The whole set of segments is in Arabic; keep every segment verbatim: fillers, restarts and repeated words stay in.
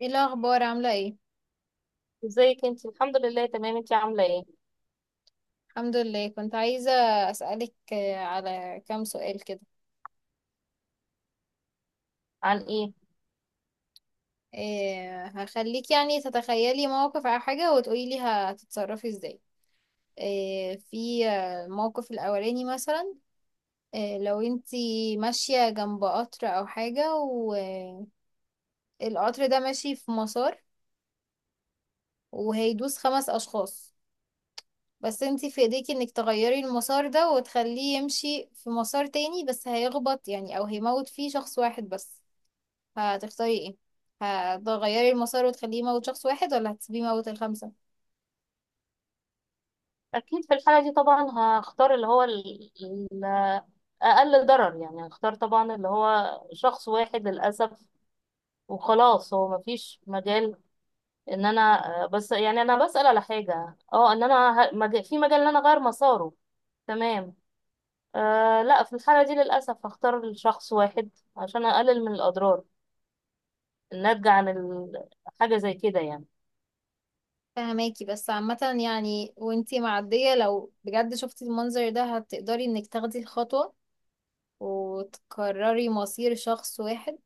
ايه الاخبار، عامله ايه؟ ازيك؟ انت الحمد لله تمام. انت عامله ايه؟ الحمد لله، كنت عايزه اسالك آه، على كام سؤال كده. عن ايه؟ إيه، هخليك يعني تتخيلي موقف او حاجه وتقولي لي هتتصرفي ازاي. إيه، في آه، الموقف الاولاني مثلا، إيه لو انتي ماشيه جنب قطر او حاجه، والقطر ده ماشي في مسار وهيدوس خمس اشخاص، بس انتي في ايديكي انك تغيري المسار ده وتخليه يمشي في مسار تاني، بس هيخبط يعني، او هيموت فيه شخص واحد بس. هتختاري ايه؟ هتغيري المسار وتخليه يموت شخص واحد، ولا هتسيبيه يموت الخمسة؟ اكيد في الحاله دي طبعا هختار اللي هو ال- ال- اقل ضرر، يعني هختار طبعا اللي هو شخص واحد للاسف. وخلاص هو مفيش مجال ان انا. آه، بس يعني انا بسال على حاجه، اه ان انا ه- مج- في مجال ان انا اغير مساره. تمام. آه لا، في الحاله دي للاسف هختار شخص واحد عشان اقلل من الاضرار الناتجه عن ال- حاجه زي كده يعني. فهماكي، بس عامة يعني، وانتي معدية لو بجد شفتي المنظر ده هتقدري انك تاخدي الخطوة وتكرري مصير شخص واحد؟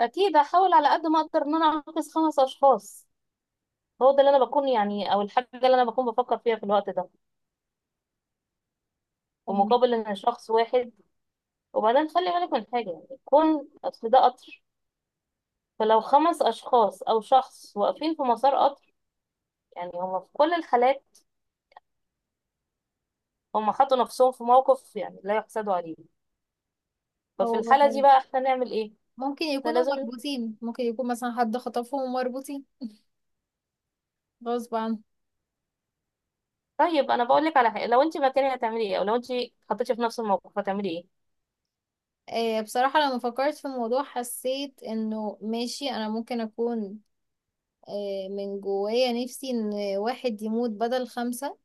اكيد هحاول على قد ما اقدر ان انا انقذ خمس اشخاص. هو ده اللي انا بكون، يعني، او الحاجه اللي انا بكون بفكر فيها في الوقت ده، في فهماكي. مقابل ان شخص واحد. وبعدين خلي بالك من حاجه، يعني كون اصل ده قطر، فلو خمس اشخاص او شخص واقفين في مسار قطر، يعني هم في كل الحالات هم حطوا نفسهم في موقف يعني لا يحسدوا عليه. ففي هو الحاله دي بقى احنا نعمل ايه؟ ممكن احنا يكونوا لازم. مربوطين، ممكن يكون مثلا حد خطفهم ومربوطين غصب عنه. طيب انا بقول لك على حاجه، لو انت مكاني هتعملي ايه؟ او لو انت حطيتي في نفس الموقف هتعملي ايه؟ آه، بصراحة لما فكرت في الموضوع حسيت انه ماشي، انا ممكن اكون آه، من جوايا نفسي ان واحد يموت بدل خمسة،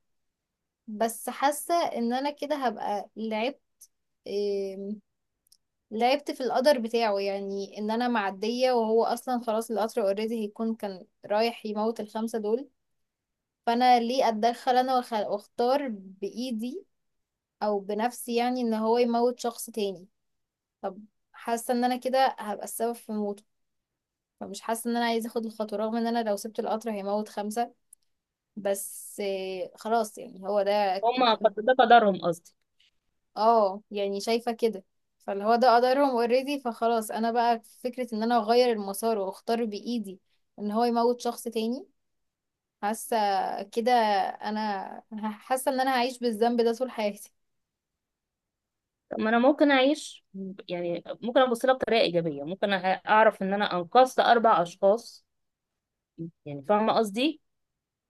بس حاسة ان انا كده هبقى لعبت إيه لعبت في القدر بتاعه، يعني ان انا معدية وهو اصلا خلاص القطر اوريدي هيكون كان رايح يموت الخمسة دول. فانا ليه اتدخل انا وأخ- واختار بايدي او بنفسي، يعني ان هو يموت شخص تاني. طب، حاسة ان انا كده هبقى السبب في موته، فمش حاسة ان انا عايزة اخد الخطوة، رغم ان انا لو سبت القطر هيموت خمسة. بس إيه، خلاص يعني هو ده. هم قد- ده قدرهم، قصدي. اه، يعني شايفة كده، فاللي هو ده قدرهم اوريدي، فخلاص انا بقى في فكرة ان انا اغير المسار واختار بايدي ان هو يموت شخص تاني. حاسة كده، انا حاسة ان انا هعيش بالذنب ده طول حياتي. طب ما انا ممكن اعيش ب- يعني ممكن ابص لها بطريقه ايجابيه، ممكن أ- اعرف ان انا انقذت اربع اشخاص. يعني فاهمه قصدي؟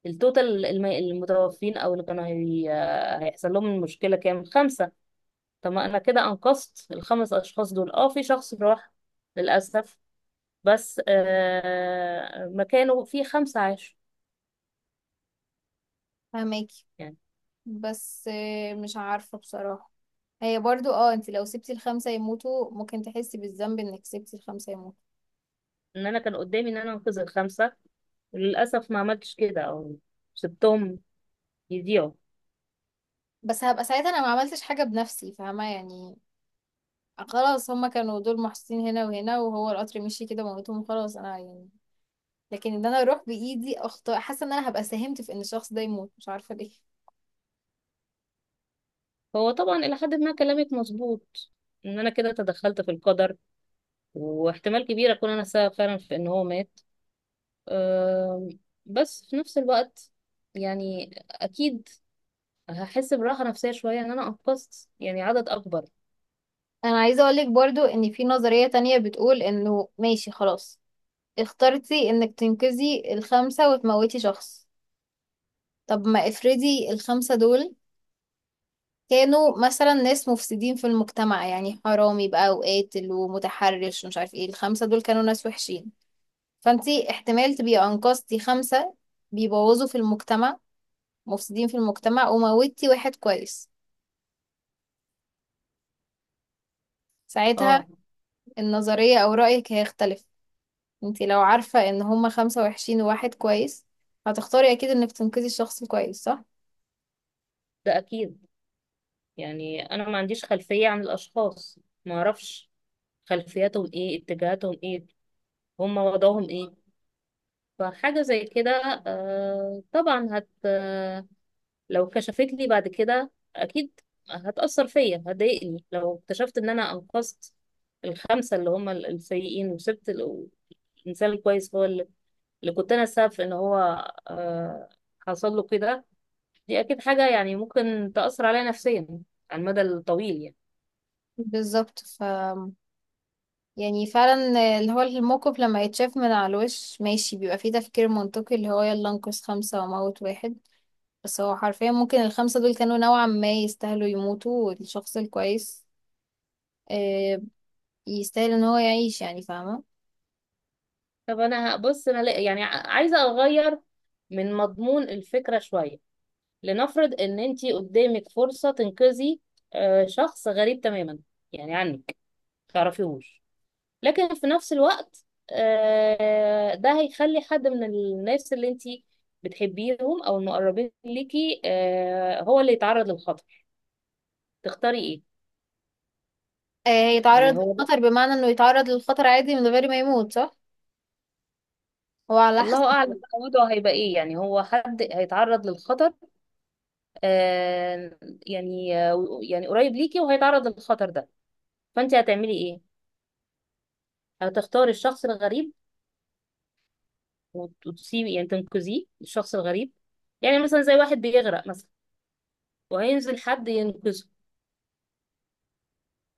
التوتال الم- المتوفين او اللي كانوا هي... هيحصل لهم المشكله كام؟ خمسه. طب ما انا كده انقذت الخمس اشخاص دول. اه في شخص راح للاسف، بس آه مكانه في خمسه عاشوا. فهماكي. يعني بس آه، مش عارفة بصراحة. هي برضو اه انت لو سبتي الخمسة يموتوا ممكن تحسي بالذنب انك سبتي الخمسة يموتوا، ان انا كان قدامي ان انا انقذ الخمسه، وللاسف ما عملتش كده، او سبتهم يضيعوا. بس هبقى ساعتها انا ما عملتش حاجة بنفسي، فاهمة يعني. خلاص، هما كانوا دول محطوطين هنا وهنا، وهو القطر مشي كده موتهم، خلاص انا يعني. لكن ان انا اروح بايدي اخطاء، حاسه ان انا هبقى ساهمت في ان الشخص ده يموت، مش عارفه ليه. هو طبعا إلى حد ما كلامك مظبوط، إن أنا كده تدخلت في القدر، واحتمال كبير أكون أنا سبب فعلا في إن هو مات. أم، بس في نفس الوقت يعني أكيد هحس براحة نفسية شوية إن أنا أنقذت يعني عدد أكبر. انا عايزه اقولك برضو ان في نظريه تانية بتقول انه ماشي، خلاص اخترتي انك تنقذي الخمسه وتموتي شخص. طب ما افرضي الخمسه دول كانوا مثلا ناس مفسدين في المجتمع، يعني حرامي بقى وقاتل ومتحرش ومش عارف ايه، الخمسه دول كانوا ناس وحشين. فانتي احتمال تبقي انقذتي خمسه بيبوظوا في المجتمع، مفسدين في المجتمع، وموتي واحد كويس. ساعتها اه، النظرية أو رأيك هيختلف. انتي لو عارفة ان هما خمسة وحشين وواحد كويس هتختاري أكيد انك تنقذي الشخص الكويس، صح؟ ده أكيد. يعني أنا ما عنديش خلفية عن الأشخاص، ما أعرفش خلفياتهم إيه، اتجاهاتهم إيه، هم وضعهم إيه. فحاجة زي كده، آه، طبعا هت لو كشفت لي بعد كده اكيد هتأثر فيا، هتضايقني لو اكتشفت ان انا انقذت الخمسة اللي هم ال- السيئين وسبت ال- الانسان الكويس، هو اللي اللي كنت انا السبب في ان هو آه، حصل له كده. دي اكيد حاجة يعني ممكن تأثر عليا نفسيا على المدى الطويل يعني. بالظبط. ف يعني فعلا، اللي هو الموقف لما يتشاف من على الوش ماشي بيبقى فيه تفكير منطقي، اللي هو يلا انقذ خمسة وموت واحد، بس هو حرفيا ممكن الخمسة دول كانوا نوعا ما يستاهلوا يموتوا، والشخص الكويس آه، يستاهل ان هو يعيش، يعني فاهمة. طب انا بص، انا لا- يعني ع- عايزة اغير من مضمون الفكرة شوية. لنفرض ان انتي قدامك فرصة تنقذي آه، شخص غريب تماما يعني عنك، تعرفيهوش، لكن في نفس الوقت آه، ده هيخلي حد من الناس اللي انتي بتحبيهم او المقربين ليكي، آه، هو اللي يتعرض للخطر. تختاري ايه؟ آه، يعني هيتعرض هو ده- للخطر بمعنى انه يتعرض للخطر عادي من غير ما يموت، صح؟ هو على حسب. الله اعلم بقى وضعه هيبقى ايه، يعني هو حد هيتعرض للخطر، آه، يعني آه، يعني قريب ليكي وهيتعرض للخطر ده. فانتي هتعملي ايه؟ هتختاري الشخص الغريب وت- وتسيبي يعني تنقذيه الشخص الغريب. يعني مثلا زي واحد بيغرق مثلا، وهينزل حد ينقذه،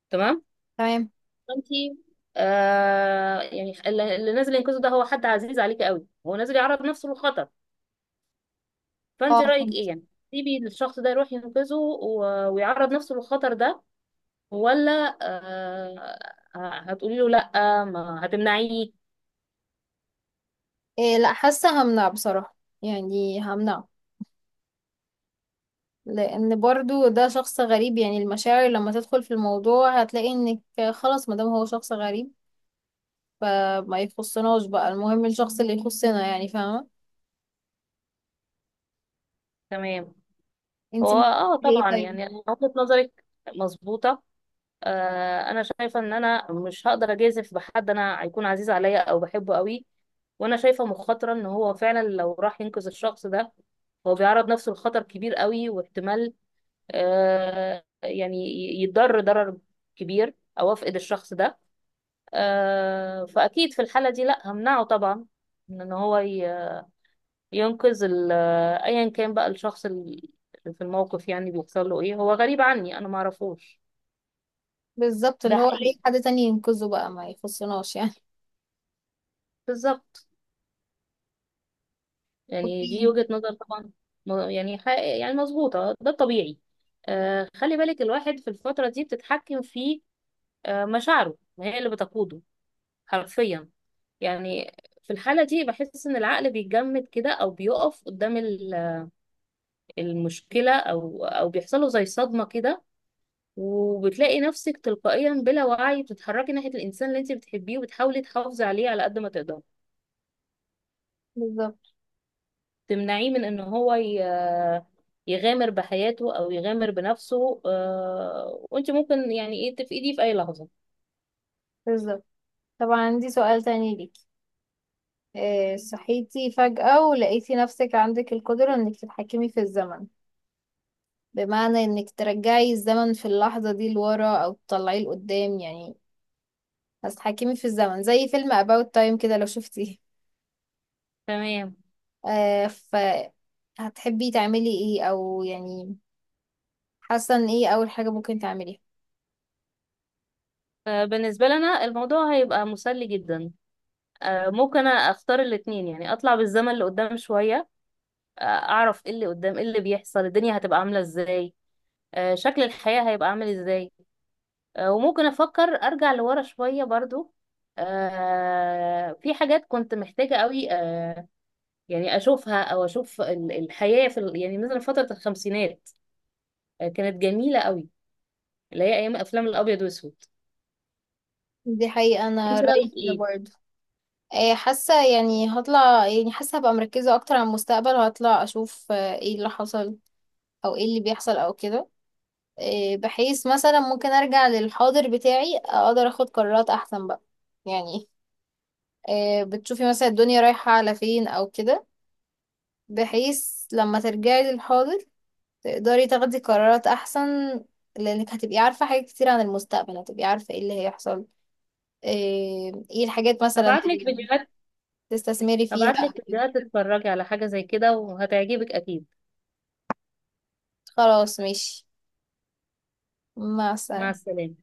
تمام؟ تمام. انتي، آه يعني، اللي اللي نازل ينقذه ده هو حد عزيز عليك قوي، هو نازل يعرض نفسه للخطر. فانت اه، رايك ايه فهمت. يعني؟ تسيبي الشخص ده يروح ينقذه و- ويعرض نفسه للخطر ده، ولا آه هتقولي له لا، ما هتمنعيه؟ إيه، لا، حاسة همنع بصراحة، يعني همنع. لأن برضو ده شخص غريب، يعني المشاعر لما تدخل في الموضوع هتلاقي انك خلاص مادام هو شخص غريب فما يخصناش بقى، المهم الشخص اللي يخصنا يعني، فاهمة. تمام. هو، انتي ممكن اه تعملي ايه طبعا طيب؟ يعني وجهة نظرك مظبوطة. آه، انا شايفه ان انا مش هقدر اجازف بحد انا هيكون عزيز عليا او بحبه قوي. وانا شايفه مخاطره ان هو فعلا لو راح ينقذ الشخص ده، هو بيعرض نفسه لخطر كبير قوي، واحتمال آه يعني يتضر ضرر كبير، او افقد الشخص ده. آه فاكيد في الحاله دي لا همنعه طبعا من ان هو ي- ينقذ ال- ايا كان بقى الشخص اللي في الموقف يعني بيحصل له ايه. هو غريب عني انا ما اعرفوش. بالظبط، ده اللي هو حقيقي، اي حد تاني ينقذه بقى ما يخصناش يعني. بالظبط. يعني اوكي. دي وجهة نظر طبعا، م- يعني حق، يعني مظبوطة، ده الطبيعي. آه خلي بالك الواحد في الفترة دي بتتحكم في آه مشاعره، ما هي اللي بتقوده حرفيا يعني. في الحالة دي بحس إن العقل بيتجمد كده أو بيقف قدام ال- المشكلة، أو أو بيحصله زي صدمة كده. وبتلاقي نفسك تلقائيا بلا وعي بتتحركي ناحية الإنسان اللي أنت بتحبيه، وبتحاولي تحافظي عليه على قد ما تقدري، بالظبط تمنعيه من ان هو ي- يغامر بحياته او يغامر بنفسه، آه، وانت ممكن يعني ايه، تفقديه في اي لحظة. بالظبط. طبعا، عندي سؤال تاني ليكي. إيه، صحيتي فجأة ولقيتي نفسك عندك القدرة انك تتحكمي في الزمن، بمعنى انك ترجعي الزمن في اللحظة دي لورا او تطلعيه لقدام، يعني هتتحكمي في الزمن زي فيلم About Time كده لو شفتيه. تمام. آه ف هتحبي تعملي ايه، او يعني حاسة ان ايه اول حاجة ممكن تعمليها؟ آه، بالنسبة لنا الموضوع هيبقى مسلي جدا. آه، ممكن اختار الاتنين، يعني اطلع بالزمن لقدام شوية، آه، اعرف ايه اللي قدام، ايه اللي بيحصل، الدنيا هتبقى عاملة ازاي، آه، شكل الحياة هيبقى عامل ازاي. آه، وممكن افكر ارجع لورا شوية برضو، آه، في حاجات كنت محتاجة قوي. يعني اشوفها، او اشوف ال- الحياه في ال... يعني مثلا فتره الخمسينات، آه، كانت جميله قوي، اللي هي ايام افلام الابيض واسود. دي حقيقة انت انا رايك رأيي كده ايه؟ برضه. آه حاسة يعني هطلع، يعني حاسة هبقى مركزة اكتر على المستقبل، هطلع اشوف آه ايه اللي حصل، او ايه اللي بيحصل او كده. آه بحيث مثلا ممكن ارجع للحاضر بتاعي اقدر اخد قرارات احسن بقى، يعني آه، بتشوفي مثلا الدنيا رايحة على فين أو كده، بحيث لما ترجعي للحاضر تقدري تاخدي قرارات أحسن، لأنك هتبقي عارفة حاجات كتير عن المستقبل، هتبقي عارفة ايه اللي هيحصل، آه، ايه الحاجات مثلا هبعت لك اللي فيديوهات تستثمري فيها. هبعت لك فيديوهات تتفرجي على حاجه زي كده، وهتعجبك اكيد. خلاص ماشي. مع مع السلامة. السلامه.